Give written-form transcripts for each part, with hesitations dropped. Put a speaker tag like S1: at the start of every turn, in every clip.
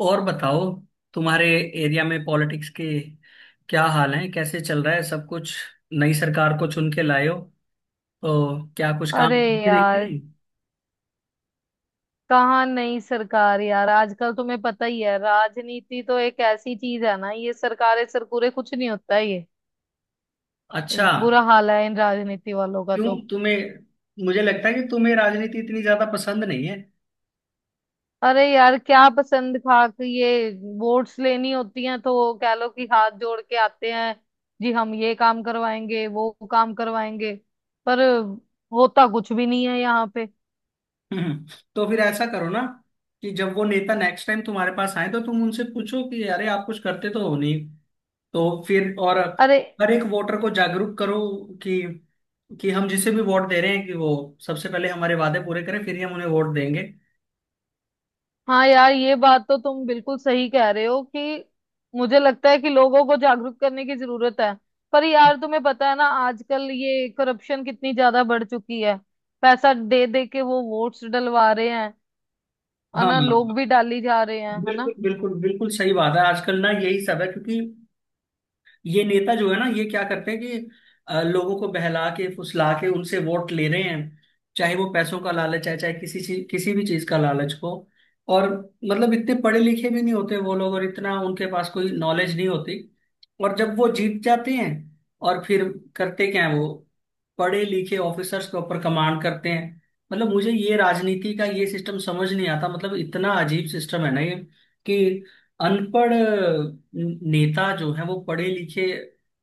S1: और बताओ तुम्हारे एरिया में पॉलिटिक्स के क्या हाल है। कैसे चल रहा है सब कुछ। नई सरकार को चुन के लाए हो तो क्या कुछ काम
S2: अरे
S1: भी देखते
S2: यार
S1: नहीं।
S2: कहाँ नई सरकार यार। आजकल तुम्हें पता ही है, राजनीति तो एक ऐसी चीज है ना, ये सरकारें सरकूरे कुछ नहीं होता है। ये
S1: अच्छा,
S2: बुरा हाल है इन राजनीति वालों का
S1: क्यों
S2: तो।
S1: तुम्हें मुझे लगता है कि तुम्हें राजनीति इतनी ज्यादा पसंद नहीं है।
S2: अरे यार क्या पसंद खा के, ये वोट्स लेनी होती हैं तो कह लो कि हाथ जोड़ के आते हैं, जी हम ये काम करवाएंगे वो काम करवाएंगे, पर होता कुछ भी नहीं है यहाँ पे।
S1: हम्म, तो फिर ऐसा करो ना कि जब वो नेता नेक्स्ट टाइम तुम्हारे पास आए तो तुम उनसे पूछो कि अरे आप कुछ करते तो हो नहीं। तो फिर और
S2: अरे
S1: हर एक वोटर को जागरूक करो कि कि हम जिसे भी वोट दे रहे हैं कि वो सबसे पहले हमारे वादे पूरे करें फिर ही हम उन्हें वोट देंगे।
S2: हाँ यार ये बात तो तुम बिल्कुल सही कह रहे हो कि मुझे लगता है कि लोगों को जागरूक करने की जरूरत है। पर यार तुम्हें पता है ना, आजकल ये करप्शन कितनी ज्यादा बढ़ चुकी है, पैसा दे दे के वो वोट्स डलवा रहे हैं और
S1: हाँ,
S2: ना लोग भी डाली जा रहे हैं, है ना।
S1: बिल्कुल बिल्कुल बिल्कुल सही बात है। आजकल ना यही सब है, क्योंकि ये नेता जो है ना ये क्या करते हैं कि लोगों को बहला के फुसला के उनसे वोट ले रहे हैं। चाहे वो पैसों का लालच है चाहे किसी भी चीज का लालच हो। और मतलब इतने पढ़े लिखे भी नहीं होते वो लोग, और इतना उनके पास कोई नॉलेज नहीं होती। और जब वो जीत जाते हैं और फिर करते क्या है वो, पढ़े लिखे ऑफिसर्स के ऊपर कमांड करते हैं। मतलब मुझे ये राजनीति का ये सिस्टम समझ नहीं आता। मतलब इतना अजीब सिस्टम है ना ये, कि अनपढ़ नेता जो है वो पढ़े लिखे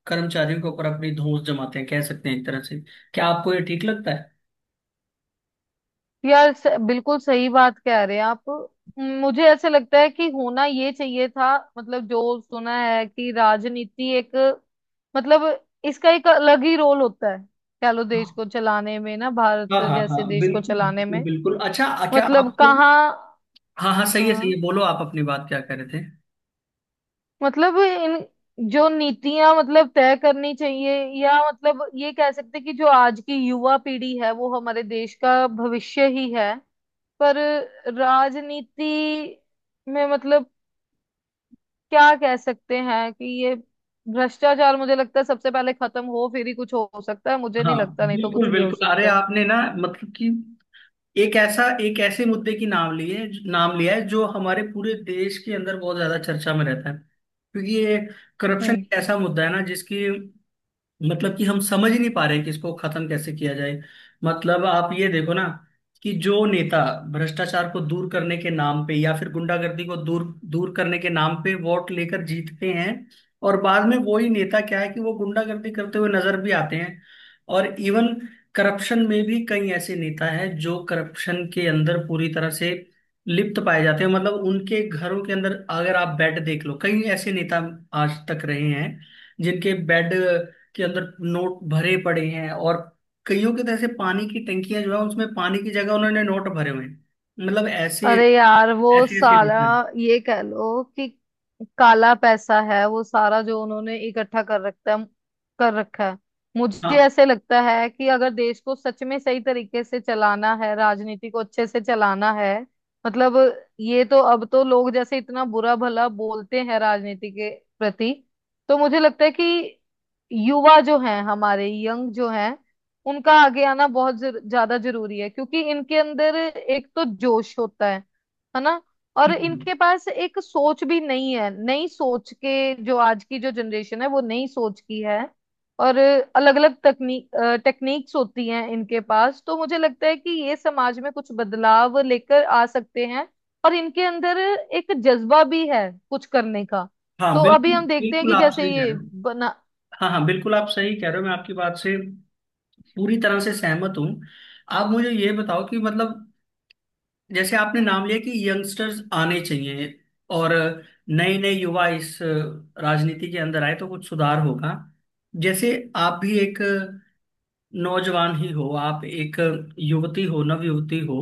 S1: कर्मचारियों के ऊपर अपनी धौंस जमाते हैं, कह सकते हैं एक तरह से। क्या आपको ये ठीक लगता है।
S2: यार बिल्कुल सही बात कह रहे हैं आप। मुझे ऐसे लगता है कि होना ये चाहिए था, मतलब जो सुना है कि राजनीति एक, मतलब इसका एक अलग ही रोल होता है, कह लो देश को चलाने में ना,
S1: हाँ
S2: भारत
S1: हाँ हाँ,
S2: जैसे देश को
S1: बिल्कुल
S2: चलाने
S1: बिल्कुल
S2: में।
S1: बिल्कुल अच्छा, क्या
S2: मतलब
S1: आपको
S2: कहाँ।
S1: हाँ हाँ, सही है सही
S2: हाँ
S1: है, बोलो आप अपनी बात क्या कर रहे थे।
S2: मतलब इन जो नीतियां मतलब तय करनी चाहिए, या मतलब ये कह सकते हैं कि जो आज की युवा पीढ़ी है वो हमारे देश का भविष्य ही है। पर राजनीति में मतलब क्या कह सकते हैं कि ये भ्रष्टाचार मुझे लगता है सबसे पहले खत्म हो, फिर ही कुछ हो सकता है, मुझे नहीं
S1: हाँ,
S2: लगता, नहीं तो
S1: बिल्कुल
S2: कुछ भी हो
S1: बिल्कुल अरे
S2: सकता है।
S1: आपने ना मतलब कि एक ऐसे मुद्दे की नाम ली है नाम लिया है जो हमारे पूरे देश के अंदर बहुत ज्यादा चर्चा में रहता है। क्योंकि ये करप्शन
S2: हम्म।
S1: एक ऐसा मुद्दा है ना जिसकी मतलब कि हम समझ ही नहीं पा रहे हैं कि इसको खत्म कैसे किया जाए। मतलब आप ये देखो ना कि जो नेता भ्रष्टाचार को दूर करने के नाम पे या फिर गुंडागर्दी को दूर दूर करने के नाम पे वोट लेकर जीतते हैं, और बाद में वही नेता क्या है कि वो गुंडागर्दी करते हुए नजर भी आते हैं। और इवन करप्शन में भी कई ऐसे नेता हैं जो करप्शन के अंदर पूरी तरह से लिप्त पाए जाते हैं। मतलब उनके घरों के अंदर अगर आप बेड देख लो, कई ऐसे नेता आज तक रहे हैं जिनके बेड के अंदर नोट भरे पड़े हैं, और कईयों के तो ऐसे पानी की टंकियां जो है उसमें पानी की जगह उन्होंने नोट भरे हुए हैं। मतलब ऐसे
S2: अरे यार वो
S1: ऐसे ऐसे नहीं
S2: सारा,
S1: सर।
S2: ये कह लो कि काला पैसा है वो सारा जो उन्होंने इकट्ठा कर रखा है। मुझे
S1: हाँ,
S2: ऐसे लगता है कि अगर देश को सच में सही तरीके से चलाना है, राजनीति को अच्छे से चलाना है, मतलब ये तो अब तो लोग जैसे इतना बुरा भला बोलते हैं राजनीति के प्रति, तो मुझे लगता है कि युवा जो हैं, हमारे यंग जो हैं, उनका आगे आना बहुत ज्यादा जरूरी है, क्योंकि इनके अंदर एक तो जोश होता है ना। और
S1: हम्म, हम्म।
S2: इनके पास एक सोच भी नहीं है, नई सोच के, जो आज की जो जनरेशन है वो नई सोच की है। और अलग अलग तकनीक टेक्निक्स होती हैं इनके पास, तो मुझे लगता है कि ये समाज में कुछ बदलाव लेकर आ सकते हैं, और इनके अंदर एक जज्बा भी है कुछ करने का।
S1: हाँ
S2: तो अभी
S1: बिल्कुल
S2: हम देखते हैं
S1: बिल्कुल,
S2: कि
S1: आप
S2: जैसे
S1: सही कह
S2: ये
S1: रहे हो।
S2: बना।
S1: हाँ हाँ बिल्कुल, आप सही कह रहे हो। मैं आपकी बात से पूरी तरह से सहमत हूँ। आप मुझे ये बताओ कि मतलब जैसे आपने नाम लिया कि यंगस्टर्स आने चाहिए, और नए नए युवा इस राजनीति के अंदर आए तो कुछ सुधार होगा। जैसे आप भी एक नौजवान ही हो, आप एक युवती हो, नव युवती हो।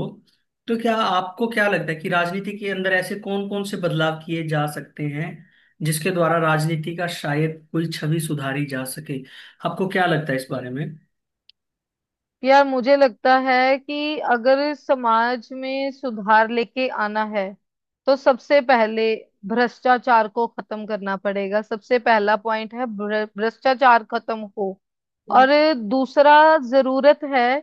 S1: तो क्या आपको क्या लगता है कि राजनीति के अंदर ऐसे कौन कौन से बदलाव किए जा सकते हैं जिसके द्वारा राजनीति का शायद कोई छवि सुधारी जा सके। आपको क्या लगता है इस बारे में।
S2: यार मुझे लगता है कि अगर समाज में सुधार लेके आना है तो सबसे पहले भ्रष्टाचार को खत्म करना पड़ेगा, सबसे पहला पॉइंट है भ्रष्टाचार खत्म हो। और दूसरा जरूरत है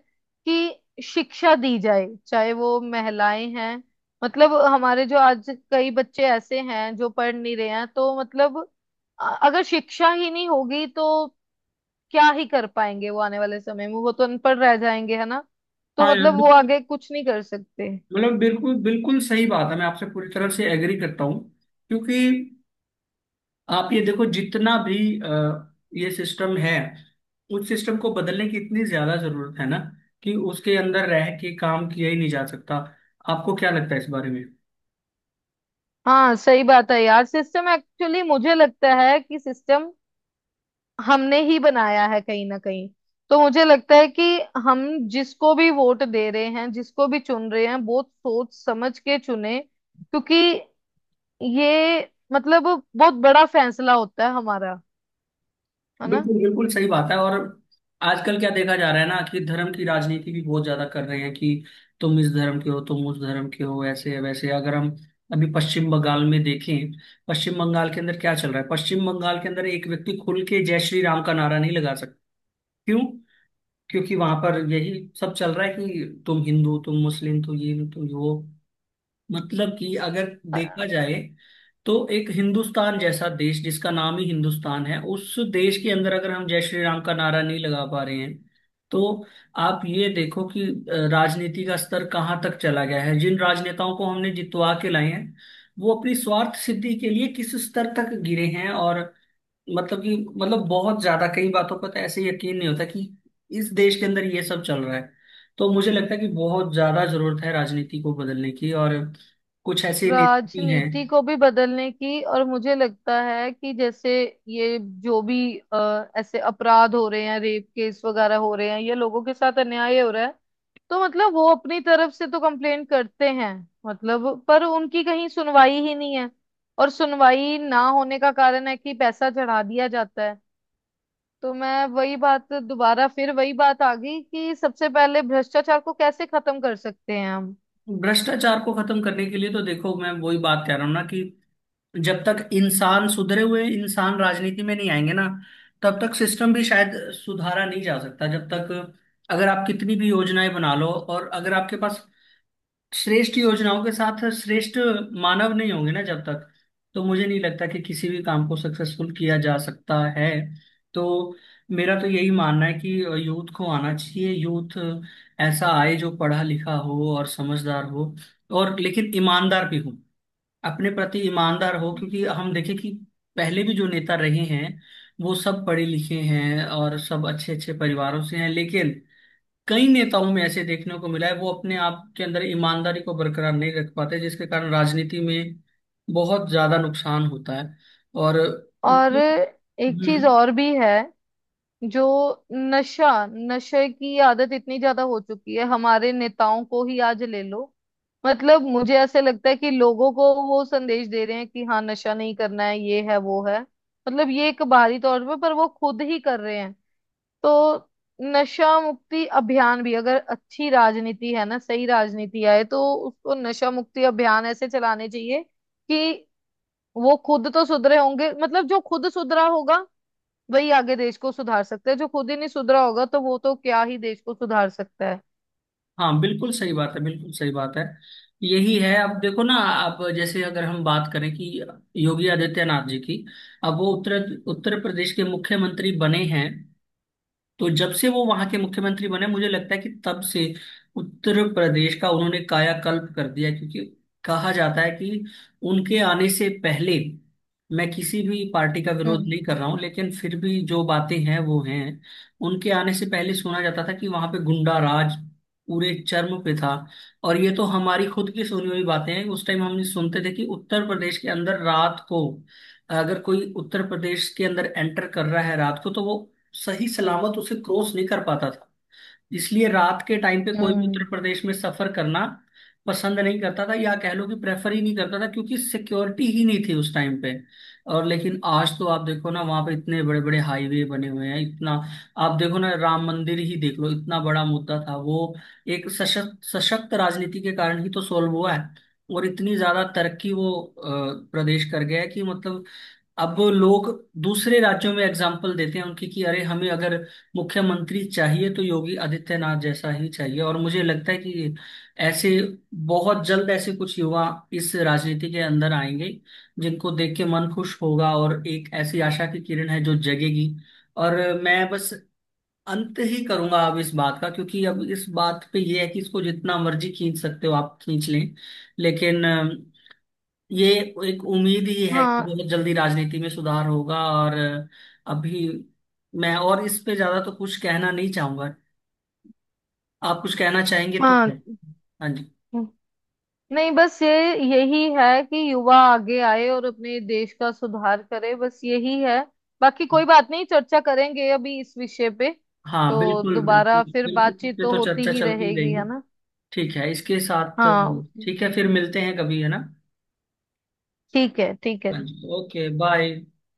S2: कि शिक्षा दी जाए, चाहे वो महिलाएं हैं, मतलब हमारे जो आज कई बच्चे ऐसे हैं जो पढ़ नहीं रहे हैं, तो मतलब अगर शिक्षा ही नहीं होगी तो क्या ही कर पाएंगे वो आने वाले समय में, वो तो अनपढ़ रह जाएंगे, है ना।
S1: हाँ
S2: तो मतलब
S1: यार
S2: वो
S1: बिल्कुल,
S2: आगे कुछ नहीं कर सकते।
S1: मतलब बिल्कुल बिल्कुल सही बात है। मैं आपसे पूरी तरह से एग्री करता हूँ, क्योंकि आप ये देखो, जितना भी ये सिस्टम है उस सिस्टम को बदलने की इतनी ज्यादा जरूरत है ना, कि उसके अंदर रह के काम किया ही नहीं जा सकता। आपको क्या लगता है इस बारे में।
S2: हाँ सही बात है यार, सिस्टम एक्चुअली मुझे लगता है कि सिस्टम हमने ही बनाया है कहीं ना कहीं। तो मुझे लगता है कि हम जिसको भी वोट दे रहे हैं, जिसको भी चुन रहे हैं, बहुत सोच समझ के चुने, क्योंकि ये मतलब बहुत बड़ा फैसला होता है हमारा, है ना।
S1: बिल्कुल बिल्कुल सही बात है। और आजकल क्या देखा जा रहा है ना कि धर्म की राजनीति भी बहुत ज्यादा कर रहे हैं कि तुम इस धर्म के हो तुम उस धर्म के हो, ऐसे है वैसे है। अगर हम अभी पश्चिम बंगाल में देखें, पश्चिम बंगाल के अंदर क्या चल रहा है, पश्चिम बंगाल के अंदर एक व्यक्ति खुल के जय श्री राम का नारा नहीं लगा सकता। क्यों? क्योंकि वहां पर यही सब चल रहा है कि तुम हिंदू तुम मुस्लिम तुम ये तुम वो। मतलब कि अगर देखा जाए तो एक हिंदुस्तान जैसा देश जिसका नाम ही हिंदुस्तान है, उस देश के अंदर अगर हम जय श्री राम का नारा नहीं लगा पा रहे हैं, तो आप ये देखो कि राजनीति का स्तर कहाँ तक चला गया है। जिन राजनेताओं को हमने जितवा के लाए हैं वो अपनी स्वार्थ सिद्धि के लिए किस स्तर तक गिरे हैं। और मतलब कि मतलब बहुत ज्यादा कई बातों पर तो ऐसे यकीन नहीं होता कि इस देश के अंदर ये सब चल रहा है। तो मुझे लगता है कि बहुत ज्यादा जरूरत है राजनीति को बदलने की, और कुछ ऐसे नेता भी हैं।
S2: राजनीति को भी बदलने की, और मुझे लगता है कि जैसे ये जो भी ऐसे अपराध हो रहे हैं, रेप केस वगैरह हो रहे हैं, या लोगों के साथ अन्याय हो रहा है, तो मतलब वो अपनी तरफ से तो कंप्लेन करते हैं, मतलब पर उनकी कहीं सुनवाई ही नहीं है। और सुनवाई ना होने का कारण है कि पैसा चढ़ा दिया जाता है। तो मैं वही बात दोबारा, फिर वही बात आ गई कि सबसे पहले भ्रष्टाचार को कैसे खत्म कर सकते हैं हम।
S1: भ्रष्टाचार को खत्म करने के लिए तो देखो मैं वही बात कह रहा हूँ ना कि जब तक इंसान सुधरे हुए इंसान राजनीति में नहीं आएंगे ना तब तक सिस्टम भी शायद सुधारा नहीं जा सकता। जब तक अगर आप कितनी भी योजनाएं बना लो, और अगर आपके पास श्रेष्ठ योजनाओं के साथ श्रेष्ठ मानव नहीं होंगे ना जब तक, तो मुझे नहीं लगता कि किसी भी काम को सक्सेसफुल किया जा सकता है। तो मेरा तो यही मानना है कि यूथ को आना चाहिए। यूथ ऐसा आए जो पढ़ा लिखा हो और समझदार हो, और लेकिन ईमानदार भी हो, अपने प्रति ईमानदार हो। क्योंकि हम देखें कि पहले भी जो नेता रहे हैं वो सब पढ़े लिखे हैं और सब अच्छे अच्छे परिवारों से हैं, लेकिन कई नेताओं में ऐसे देखने को मिला है वो अपने आप के अंदर ईमानदारी को बरकरार नहीं रख पाते, जिसके कारण राजनीति में बहुत ज्यादा नुकसान होता है। और
S2: और
S1: हम्म,
S2: एक चीज और भी है, जो नशा, नशे की आदत इतनी ज्यादा हो चुकी है, हमारे नेताओं को ही आज ले लो। मतलब मुझे ऐसे लगता है कि लोगों को वो संदेश दे रहे हैं कि हाँ नशा नहीं करना है, ये है वो है, मतलब ये एक बाहरी तौर पे, पर वो खुद ही कर रहे हैं। तो नशा मुक्ति अभियान भी अगर अच्छी राजनीति है ना, सही राजनीति आए, तो उसको नशा मुक्ति अभियान ऐसे चलाने चाहिए कि वो खुद तो सुधरे होंगे, मतलब जो खुद सुधरा होगा वही आगे देश को सुधार सकता है, जो खुद ही नहीं सुधरा होगा तो वो तो क्या ही देश को सुधार सकता है।
S1: हाँ बिल्कुल सही बात है, बिल्कुल सही बात है। यही है, अब देखो ना, अब जैसे अगर हम बात करें कि योगी आदित्यनाथ जी की, अब वो उत्तर उत्तर प्रदेश के मुख्यमंत्री बने हैं। तो जब से वो वहां के मुख्यमंत्री बने मुझे लगता है कि तब से उत्तर प्रदेश का उन्होंने कायाकल्प कर दिया। क्योंकि कहा जाता है कि उनके आने से पहले, मैं किसी भी पार्टी का विरोध
S2: हम्म।
S1: नहीं कर रहा हूं लेकिन फिर भी जो बातें हैं वो हैं, उनके आने से पहले सुना जाता था कि वहां पे गुंडा राज पूरे चर्म पे था। और ये तो हमारी खुद की सुनी हुई बातें हैं, उस टाइम हम सुनते थे कि उत्तर प्रदेश के अंदर रात को, अगर कोई उत्तर प्रदेश के अंदर एंटर कर रहा है रात को तो वो सही सलामत उसे क्रॉस नहीं कर पाता था। इसलिए रात के टाइम पे कोई भी
S2: हम्म।
S1: उत्तर प्रदेश में सफर करना पसंद नहीं करता था, या कह लो कि प्रेफर ही नहीं करता था, क्योंकि सिक्योरिटी ही नहीं थी उस टाइम पे। और लेकिन आज तो आप देखो ना, वहां पे इतने बड़े बड़े हाईवे बने हुए हैं, इतना आप देखो ना, राम मंदिर ही देख लो, इतना बड़ा मुद्दा था वो, एक सशक्त सशक्त राजनीति के कारण ही तो सॉल्व हुआ है। और इतनी ज्यादा तरक्की वो प्रदेश कर गया है कि मतलब अब लोग दूसरे राज्यों में एग्जाम्पल देते हैं उनकी कि अरे हमें अगर मुख्यमंत्री चाहिए तो योगी आदित्यनाथ जैसा ही चाहिए। और मुझे लगता है कि ऐसे बहुत जल्द ऐसे कुछ युवा इस राजनीति के अंदर आएंगे जिनको देख के मन खुश होगा, और एक ऐसी आशा की किरण है जो जगेगी। और मैं बस अंत ही करूंगा अब इस बात का, क्योंकि अब इस बात पे ये है कि इसको जितना मर्जी खींच सकते हो आप खींच लें, लेकिन ये एक उम्मीद ही है कि
S2: हाँ।
S1: बहुत जल्दी राजनीति में सुधार होगा। और अभी मैं और इस पे ज्यादा तो कुछ कहना नहीं चाहूंगा। आप कुछ कहना चाहेंगे तो
S2: हाँ।
S1: है। हाँ जी।
S2: हम्म। नहीं बस ये, यही है कि युवा आगे आए और अपने देश का सुधार करे, बस यही है, बाकी कोई बात नहीं चर्चा करेंगे अभी इस विषय पे।
S1: हाँ,
S2: तो
S1: बिल्कुल बिल्कुल
S2: दोबारा फिर
S1: बिल्कुल इस
S2: बातचीत
S1: पे
S2: तो
S1: तो
S2: होती
S1: चर्चा
S2: ही
S1: चलती ही
S2: रहेगी,
S1: रहेगी।
S2: है ना।
S1: ठीक है, इसके साथ
S2: हाँ
S1: ठीक है, फिर मिलते हैं कभी, है ना।
S2: ठीक है, ठीक है।
S1: हाँ जी, ओके बाय।